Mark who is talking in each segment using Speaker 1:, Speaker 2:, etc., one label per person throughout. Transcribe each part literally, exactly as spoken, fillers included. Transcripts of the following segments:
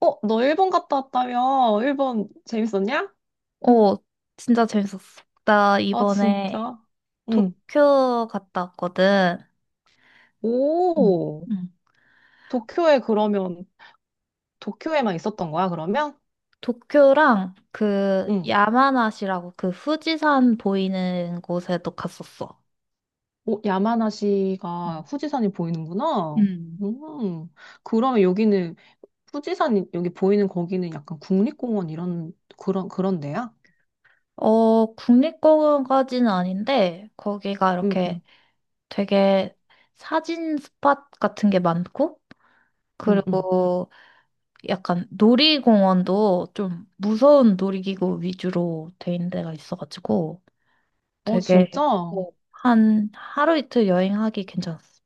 Speaker 1: 어, 너 일본 갔다 왔다며? 일본 재밌었냐?
Speaker 2: 어, 진짜 재밌었어. 나
Speaker 1: 아,
Speaker 2: 이번에
Speaker 1: 진짜? 응.
Speaker 2: 도쿄 갔다 왔거든. 응,
Speaker 1: 오,
Speaker 2: 응,
Speaker 1: 도쿄에 그러면, 도쿄에만 있었던 거야, 그러면?
Speaker 2: 도쿄랑 그
Speaker 1: 응.
Speaker 2: 야마나시라고 그 후지산 보이는 곳에도 갔었어.
Speaker 1: 오,
Speaker 2: 응.
Speaker 1: 야마나시가 후지산이 보이는구나.
Speaker 2: 응.
Speaker 1: 음, 그러면 여기는, 후지산이, 여기 보이는 거기는 약간 국립공원 이런, 그런, 그런 데야?
Speaker 2: 어, 국립공원까지는 아닌데, 거기가
Speaker 1: 응,
Speaker 2: 이렇게
Speaker 1: 응,
Speaker 2: 되게 사진 스팟 같은 게 많고,
Speaker 1: 응, 응.
Speaker 2: 그리고 약간 놀이공원도 좀 무서운 놀이기구 위주로 돼 있는 데가 있어가지고,
Speaker 1: 어, 진짜?
Speaker 2: 되게 어, 한 하루 이틀 여행하기 괜찮았어.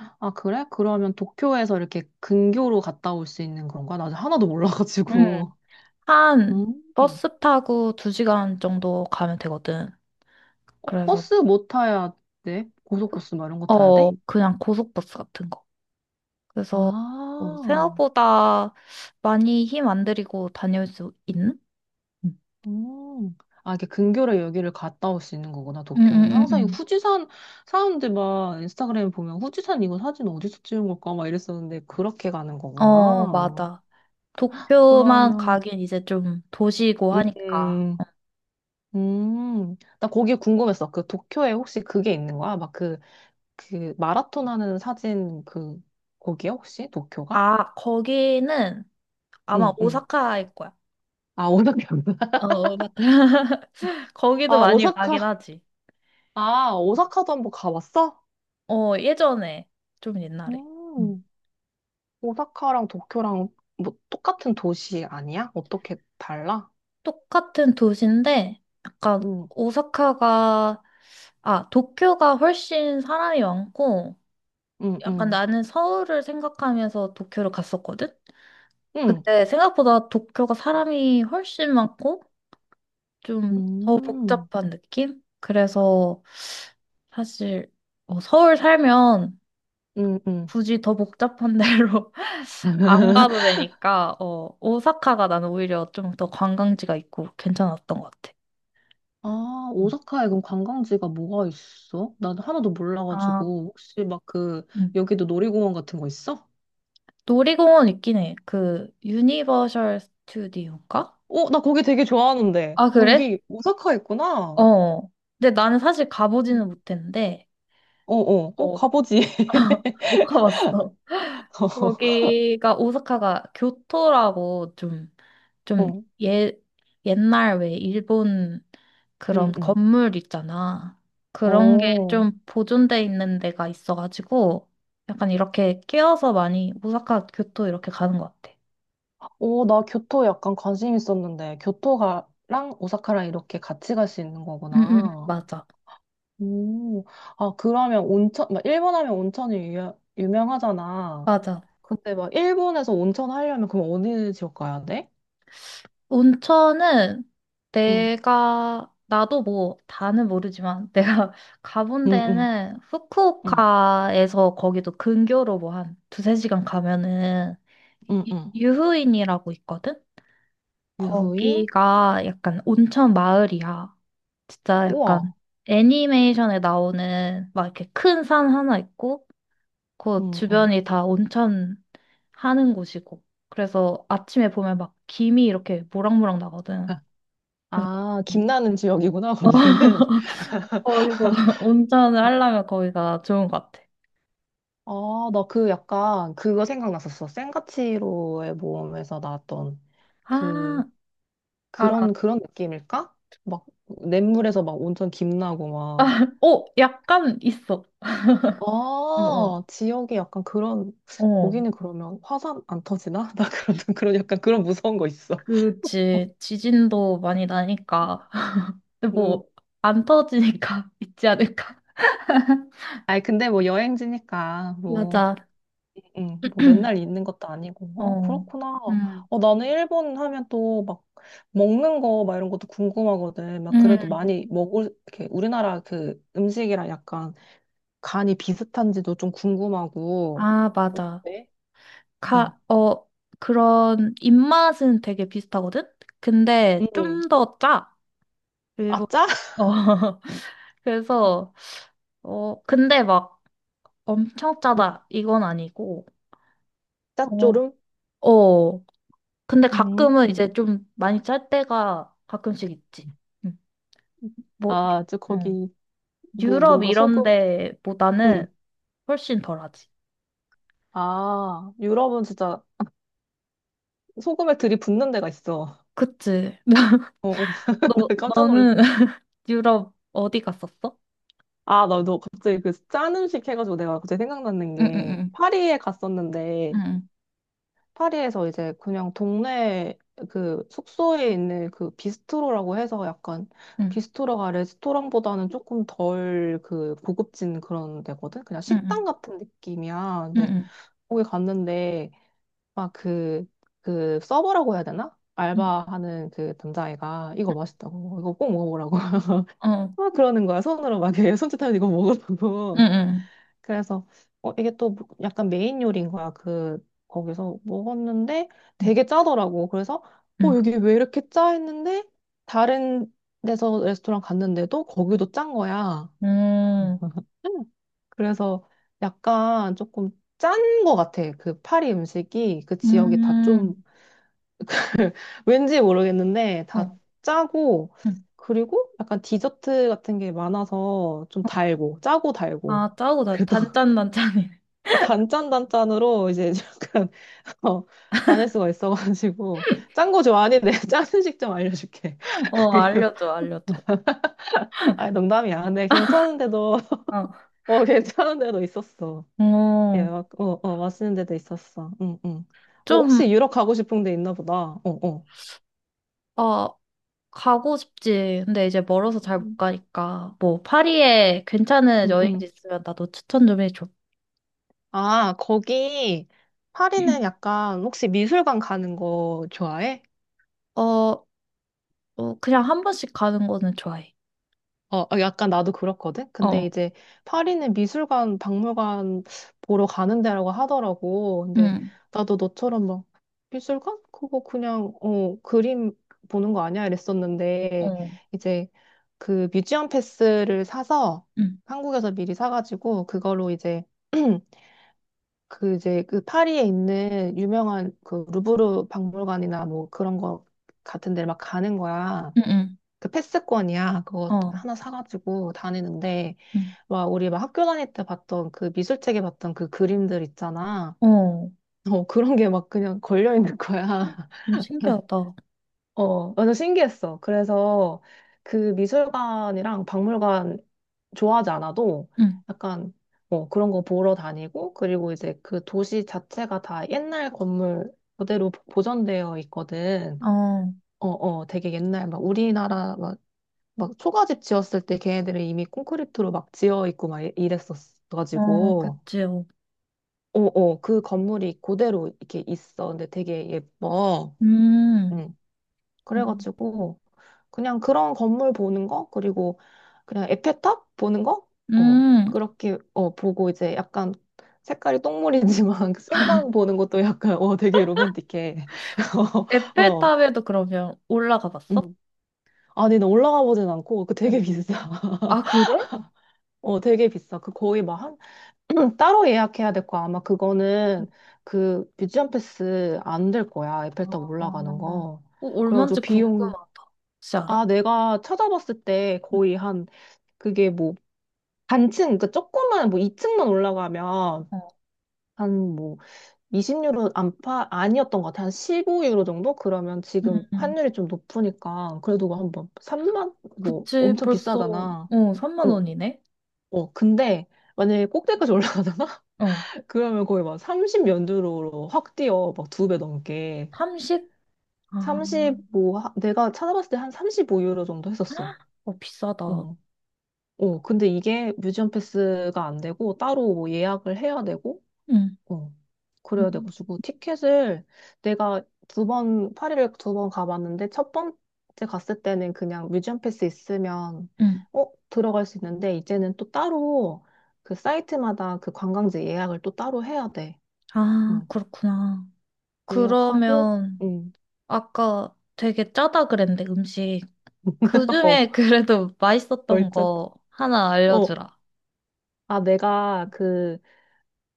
Speaker 1: 아, 그래? 그러면 도쿄에서 이렇게 근교로 갔다 올 수 있는 건가? 나 하나도
Speaker 2: 응,
Speaker 1: 몰라가지고. 음.
Speaker 2: 한 버스 타고 두 시간 정도 가면 되거든.
Speaker 1: 어,
Speaker 2: 그래서
Speaker 1: 버스 못 타야 돼?
Speaker 2: 그,
Speaker 1: 고속버스 막 이런 거 타야
Speaker 2: 어
Speaker 1: 돼?
Speaker 2: 그냥 고속버스 같은 거. 그래서 어,
Speaker 1: 아,
Speaker 2: 생각보다 많이 힘 안 들이고 다녀올 수 있는? 응
Speaker 1: 음. 아, 이게 근교로 여기를 갔다 올 수 있는 거구나,
Speaker 2: 응,
Speaker 1: 도쿄는. 항상 이
Speaker 2: 응,
Speaker 1: 후지산, 사람들 막 인스타그램에 보면 후지산 이거 사진 어디서 찍은 걸까? 막 이랬었는데, 그렇게 가는
Speaker 2: 응, 어
Speaker 1: 거구나.
Speaker 2: 맞아. 도쿄만
Speaker 1: 그러면,
Speaker 2: 가긴 이제 좀 도시고 하니까. 어.
Speaker 1: 음, 음. 나 거기 궁금했어. 그 도쿄에 혹시 그게 있는 거야? 막 그, 그 마라톤 하는 사진 그, 거기야, 혹시? 도쿄가?
Speaker 2: 아 거기는 아마
Speaker 1: 응, 응.
Speaker 2: 오사카일 거야.
Speaker 1: 아, 오사카구나.
Speaker 2: 응. 어, 맞다. 거기도
Speaker 1: 아,
Speaker 2: 많이 가긴
Speaker 1: 오사카.
Speaker 2: 하지.
Speaker 1: 아, 오사카도 한번 가봤어?
Speaker 2: 어, 예전에, 좀 옛날에. 음.
Speaker 1: 음, 오사카랑 도쿄랑 뭐 똑같은 도시 아니야? 어떻게 달라?
Speaker 2: 똑같은 도시인데, 약간,
Speaker 1: 응,
Speaker 2: 오사카가, 아, 도쿄가 훨씬 사람이 많고,
Speaker 1: 응,
Speaker 2: 약간
Speaker 1: 응,
Speaker 2: 나는 서울을 생각하면서 도쿄를 갔었거든?
Speaker 1: 응,
Speaker 2: 그때 생각보다 도쿄가 사람이 훨씬 많고, 좀 더
Speaker 1: 응,
Speaker 2: 복잡한 느낌? 그래서 사실, 어, 서울 살면
Speaker 1: 응, 응.
Speaker 2: 굳이 더 복잡한 데로 안 가도 되니까, 어, 오사카가 나는 오히려 좀 더 관광지가 있고 괜찮았던 것 같아.
Speaker 1: 아,
Speaker 2: 음.
Speaker 1: 오사카에 그럼 관광지가 뭐가 있어? 난 하나도
Speaker 2: 아,
Speaker 1: 몰라가지고. 혹시 막 그,
Speaker 2: 음.
Speaker 1: 여기도 놀이공원 같은 거 있어?
Speaker 2: 놀이공원 있긴 해. 그, 유니버셜 스튜디오인가?
Speaker 1: 어, 나 거기 되게 좋아하는데.
Speaker 2: 아,
Speaker 1: 어,
Speaker 2: 그래?
Speaker 1: 여기 오사카 있구나.
Speaker 2: 어. 근데 나는 사실 가보지는
Speaker 1: 음.
Speaker 2: 못했는데,
Speaker 1: 어, 어, 어,
Speaker 2: 어,
Speaker 1: 가보지.
Speaker 2: 못 가봤어. 거기가 오사카가 교토라고 좀 좀
Speaker 1: 어,
Speaker 2: 예, 옛날 왜 일본 그런
Speaker 1: 응, 응.
Speaker 2: 건물 있잖아. 그런 게
Speaker 1: 어.
Speaker 2: 좀 보존돼 있는 데가 있어가지고 약간 이렇게 끼어서 많이 오사카 교토 이렇게 가는 것 같아.
Speaker 1: 오, 나 교토 약간 관심 있었는데, 교토가랑 오사카랑 이렇게 같이 갈 수 있는
Speaker 2: 응, 응, 응.
Speaker 1: 거구나.
Speaker 2: 맞아.
Speaker 1: 오, 아, 그러면 온천, 막 일본 하면 온천이 유, 유명하잖아.
Speaker 2: 맞아.
Speaker 1: 근데 막 일본에서 온천 하려면 그럼 어느 지역 가야 돼?
Speaker 2: 온천은
Speaker 1: 응,
Speaker 2: 내가 나도 뭐 다는 모르지만 내가 가본
Speaker 1: 응, 응,
Speaker 2: 데는
Speaker 1: 응,
Speaker 2: 후쿠오카에서 거기도 근교로 뭐 한 두세 시간 가면은
Speaker 1: 응,
Speaker 2: 유-
Speaker 1: 응.
Speaker 2: 유후인이라고 있거든?
Speaker 1: 유후인?
Speaker 2: 거기가 약간 온천 마을이야. 진짜
Speaker 1: 우와,
Speaker 2: 약간 애니메이션에 나오는 막 이렇게 큰 산 하나 있고, 그
Speaker 1: 응, 응.
Speaker 2: 주변이 다 온천 하는 곳이고. 그래서 아침에 보면 막 김이 이렇게 모락모락 나거든.
Speaker 1: 아,
Speaker 2: 그래서
Speaker 1: 아, 김나는 지역이구나, 거기는.
Speaker 2: 거기서 온천을 하려면 거기가 좋은 것 같아.
Speaker 1: 아, 나 그 약간 그거 생각났었어. 센과 치로의 모험에서 나왔던 그
Speaker 2: 아, 알아.
Speaker 1: 그런 그런 느낌일까? 막 냇물에서 막 온천 김나고 막.
Speaker 2: 어, 약간 있어. 어, 어.
Speaker 1: 아, 지역이 약간 그런
Speaker 2: 어,
Speaker 1: 거기는 그러면 화산 안 터지나? 나 그런 그런 약간 그런 무서운 거 있어.
Speaker 2: 그치. 지진도 많이 나니까.
Speaker 1: 음.
Speaker 2: 뭐, 안 터지니까 있지 않을까?
Speaker 1: 아니 근데 뭐 여행지니까 뭐
Speaker 2: 맞아.
Speaker 1: 음, 뭐 맨날 있는 것도 아니고. 어,
Speaker 2: 어,
Speaker 1: 그렇구나.
Speaker 2: 음,
Speaker 1: 어, 나는 일본 하면 또 막 먹는 거 막 이런 것도 궁금하거든. 막 그래도
Speaker 2: 음,
Speaker 1: 많이 먹을 이렇게 우리나라 그 음식이랑 약간 간이 비슷한지도 좀 궁금하고.
Speaker 2: 아, 맞아.
Speaker 1: 어때? 응.
Speaker 2: 가, 어, 그런 입맛은 되게 비슷하거든? 근데
Speaker 1: 음,
Speaker 2: 좀 더 짜.
Speaker 1: 아,
Speaker 2: 일본.
Speaker 1: 짜?
Speaker 2: 어, 그래서, 어, 근데 막 엄청
Speaker 1: 음,
Speaker 2: 짜다. 이건 아니고.
Speaker 1: 짭조름?
Speaker 2: 어, 어. 근데 가끔은
Speaker 1: 음.
Speaker 2: 이제 좀 많이 짤 때가 가끔씩 있지. 음, 뭐,
Speaker 1: 아, 저
Speaker 2: 유- 음.
Speaker 1: 거기 뭐
Speaker 2: 유럽
Speaker 1: 뭔가
Speaker 2: 이런
Speaker 1: 소금?
Speaker 2: 데보다는
Speaker 1: 응,
Speaker 2: 훨씬 덜하지.
Speaker 1: 아, 유럽은 진짜 소금에 들이붓는 데가 있어.
Speaker 2: 그치.
Speaker 1: 어, 어.
Speaker 2: 너,
Speaker 1: 나 깜짝
Speaker 2: 너는
Speaker 1: 놀랐어.
Speaker 2: 유럽 어디 갔었어?
Speaker 1: 아, 나너 갑자기 그 짠 음식 해가지고 내가 갑자기 생각났는
Speaker 2: 응,
Speaker 1: 게
Speaker 2: 응,
Speaker 1: 파리에 갔었는데
Speaker 2: 응,
Speaker 1: 파리에서 이제 그냥 동네 그 숙소에 있는 그 비스트로라고 해서 약간
Speaker 2: 응,
Speaker 1: 비스트로가 레스토랑보다는 조금 덜 그 고급진 그런 데거든? 그냥
Speaker 2: 응,
Speaker 1: 식당
Speaker 2: 응,
Speaker 1: 같은 느낌이야.
Speaker 2: 응,
Speaker 1: 근데
Speaker 2: 응,
Speaker 1: 거기 갔는데 막 그, 그 서버라고 해야 되나?
Speaker 2: 응,
Speaker 1: 알바하는 그 남자애가 이거 맛있다고 이거 꼭 먹어보라고
Speaker 2: 어,
Speaker 1: 막 그러는 거야 손으로 막 이렇게 손짓하면 이거
Speaker 2: 응,
Speaker 1: 먹으라고
Speaker 2: 응,
Speaker 1: 그래서 어, 이게 또 뭐- 약간 메인 요리인 거야. 그 거기서 먹었는데
Speaker 2: 응,
Speaker 1: 되게 짜더라고. 그래서 어
Speaker 2: 응.
Speaker 1: 여기 왜 이렇게 짜 했는데 다른 데서 레스토랑 갔는데도 거기도 짠 거야.
Speaker 2: 음,
Speaker 1: 그래서 약간 조금 짠 거 같아. 그 파리 음식이 그 지역이 다
Speaker 2: 음,
Speaker 1: 좀 왠지 모르겠는데 다
Speaker 2: 어.
Speaker 1: 짜고
Speaker 2: 응,
Speaker 1: 그리고 약간 디저트 같은 게 많아서 좀
Speaker 2: 어.
Speaker 1: 달고 짜고 달고
Speaker 2: 아, 짜고 나
Speaker 1: 그래도
Speaker 2: 단짠단짠이네.
Speaker 1: 어, 단짠단짠으로 이제 약간 어, 다닐 수가 있어가지고 짠 거 좋아하는데 짠 음식 좀 알려줄게.
Speaker 2: 어, 알려줘, 알려줘.
Speaker 1: 아니 농담이야. 근데 괜찮은데도
Speaker 2: 어,
Speaker 1: 어 괜찮은데도 있었어. 예,
Speaker 2: 어,
Speaker 1: 막, 어, 어 맛있는 데도 있었어. 응, 응. 어,
Speaker 2: 좀,
Speaker 1: 혹시 유럽 가고 싶은 데 있나 보다. 어, 어.
Speaker 2: 어, 가고 싶지. 근데 이제 멀어서 잘 못
Speaker 1: 음.
Speaker 2: 가니까. 뭐, 파리에 괜찮은
Speaker 1: 응, 응.
Speaker 2: 여행지 있으면 나도 추천 좀 해줘.
Speaker 1: 아 거기 파리는 약간 혹시 미술관 가는 거 좋아해?
Speaker 2: 어, 어, 그냥 한 번씩 가는 거는 좋아해.
Speaker 1: 어, 어, 약간 나도 그렇거든? 근데
Speaker 2: 어,
Speaker 1: 이제 파리는 미술관, 박물관 보러 가는 데라고 하더라고. 근데
Speaker 2: 응,
Speaker 1: 나도 너처럼 막 미술관? 그거 그냥, 어, 그림 보는 거 아니야? 이랬었는데
Speaker 2: 어,
Speaker 1: 이제 그 뮤지엄 패스를 사서
Speaker 2: 응,
Speaker 1: 한국에서 미리 사가지고 그걸로 이제 그 이제 그 파리에 있는 유명한 그 루브르 박물관이나 뭐 그런 거 같은 데를 막 가는 거야.
Speaker 2: 응, 응,
Speaker 1: 그 패스권이야. 그거
Speaker 2: 어,
Speaker 1: 하나 사가지고 다니는데,
Speaker 2: 응,
Speaker 1: 막 우리 막 학교 다닐 때 봤던 그 미술책에 봤던 그 그림들 있잖아.
Speaker 2: 어.
Speaker 1: 어, 그런 게 막 그냥 걸려있는 거야.
Speaker 2: 너무 신기하다.
Speaker 1: 어, 완전 신기했어. 그래서 그 미술관이랑 박물관 좋아하지 않아도
Speaker 2: 응,
Speaker 1: 약간 뭐 그런 거 보러 다니고 그리고 이제 그 도시 자체가 다 옛날 건물 그대로 보존되어 있거든.
Speaker 2: 어,
Speaker 1: 어, 어, 되게 옛날 막 우리나라 막 초가집 지었을 때 걔네들은 이미 콘크리트로 막 지어 있고 막 이-
Speaker 2: 어,
Speaker 1: 이랬었어가지고
Speaker 2: 그치, 어.
Speaker 1: 어어 그 건물이 그대로 이렇게 있어 근데 되게 예뻐
Speaker 2: 음,
Speaker 1: 응
Speaker 2: 음,
Speaker 1: 그래가지고 그냥 그런 건물 보는 거 그리고 그냥 에펠탑 보는 거어
Speaker 2: 음.
Speaker 1: 그렇게 어 보고 이제 약간 색깔이 똥물이지만 생강 보는 것도 약간 어 되게 로맨틱해 어
Speaker 2: 에펠탑에도 그러면 올라가 봤어?
Speaker 1: 응 아니 나 올라가 보진 않고 그
Speaker 2: 응.
Speaker 1: 되게 비싸
Speaker 2: 아, 그래?
Speaker 1: 어 되게 비싸 그 거의 막한 따로 예약해야 될 거야. 아마 그거는 그 뮤지엄 패스 안 될 거야.
Speaker 2: 어,
Speaker 1: 에펠탑
Speaker 2: 어,
Speaker 1: 올라가는 거.
Speaker 2: 어, 얼마인지
Speaker 1: 그래가지고 비용,
Speaker 2: 궁금하다. 혹시
Speaker 1: 아,
Speaker 2: 알아?
Speaker 1: 내가 찾아봤을 때
Speaker 2: 응.
Speaker 1: 거의 한, 그게 뭐, 단층, 그러니까 조금만, 뭐 이 층만 올라가면
Speaker 2: 어,
Speaker 1: 한 뭐 이십 유로 안팎 아니었던 것 같아. 한 십오 유로 정도? 그러면 지금
Speaker 2: 음,
Speaker 1: 환율이 좀 높으니까 그래도 뭐 한번 삼만? 뭐
Speaker 2: 그치,
Speaker 1: 엄청
Speaker 2: 벌써,
Speaker 1: 비싸잖아.
Speaker 2: 어, 삼만
Speaker 1: 어,
Speaker 2: 원이네?
Speaker 1: 어. 근데 만약에 꼭대기까지 올라가잖아?
Speaker 2: 어,
Speaker 1: 그러면 거의 막 삼 영연유로확 뛰어. 막 두 배 넘게.
Speaker 2: 삼십? 아,
Speaker 1: 삼십오, 하- 내가 찾아봤을 때 한 삼십오 유로 정도 했었어.
Speaker 2: 어, 비싸다.
Speaker 1: 어. 어, 근데 이게 뮤지엄 패스가 안 되고 따로 뭐 예약을 해야 되고,
Speaker 2: 응,
Speaker 1: 어. 그래야
Speaker 2: 응,
Speaker 1: 돼가지고 티켓을 내가 두 번, 파리를 두 번 가봤는데 첫 번째 갔을 때는 그냥 뮤지엄 패스 있으면,
Speaker 2: 응.
Speaker 1: 어, 들어갈 수 있는데 이제는 또 따로 그 사이트마다 그 관광지 예약을 또 따로 해야 돼.
Speaker 2: 아,
Speaker 1: 어.
Speaker 2: 그렇구나.
Speaker 1: 예약하고,
Speaker 2: 그러면
Speaker 1: 응.
Speaker 2: 아까 되게 짜다 그랬는데 음식
Speaker 1: 어,
Speaker 2: 그중에 그래도 맛있었던
Speaker 1: 얼른.
Speaker 2: 거 하나
Speaker 1: 어.
Speaker 2: 알려주라.
Speaker 1: 아, 내가 그,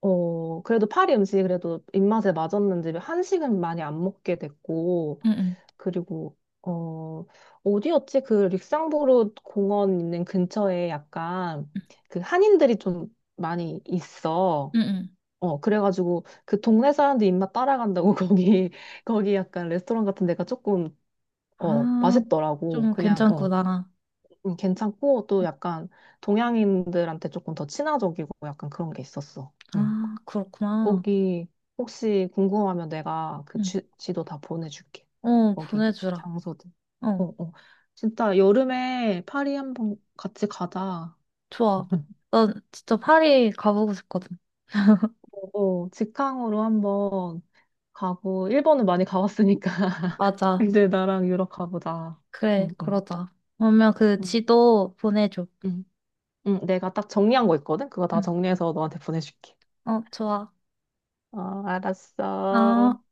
Speaker 1: 어, 그래도 파리 음식이 그래도 입맛에 맞았는지 한식은 많이 안 먹게 됐고,
Speaker 2: 응, 응,
Speaker 1: 그리고, 어, 어디였지? 그 릭상보르 공원 있는 근처에 약간 그 한인들이 좀 많이 있어.
Speaker 2: 응, 응.
Speaker 1: 어, 그래가지고 그 동네 사람들 입맛 따라간다고 거기, 거기 약간 레스토랑 같은 데가 조금, 어,
Speaker 2: 아,
Speaker 1: 맛있더라고.
Speaker 2: 좀
Speaker 1: 그냥, 어.
Speaker 2: 괜찮구나.
Speaker 1: 음, 괜찮고 또 약간 동양인들한테 조금 더 친화적이고 약간 그런 게 있었어. 응.
Speaker 2: 아, 그렇구나.
Speaker 1: 거기 혹시 궁금하면 내가 그
Speaker 2: 응.
Speaker 1: 지, 지도 다 보내줄게.
Speaker 2: 어,
Speaker 1: 거기
Speaker 2: 보내주라.
Speaker 1: 장소들. 어,
Speaker 2: 어,
Speaker 1: 어. 진짜 여름에 파리 한번 같이 가자.
Speaker 2: 좋아. 난 진짜 파리 가보고 싶거든.
Speaker 1: 어, 어, 직항으로 한번 가고 일본은 많이 가봤으니까
Speaker 2: 맞아.
Speaker 1: 이제 나랑 유럽 가보자.
Speaker 2: 그래,
Speaker 1: 응, 응,
Speaker 2: 그러자. 그러면 그
Speaker 1: 응,
Speaker 2: 지도 보내줘.
Speaker 1: 응. 응, 내가 딱 정리한 거 있거든. 그거 다
Speaker 2: 응.
Speaker 1: 정리해서 너한테 보내줄게.
Speaker 2: 어, 좋아.
Speaker 1: 어, 알았어.
Speaker 2: 아.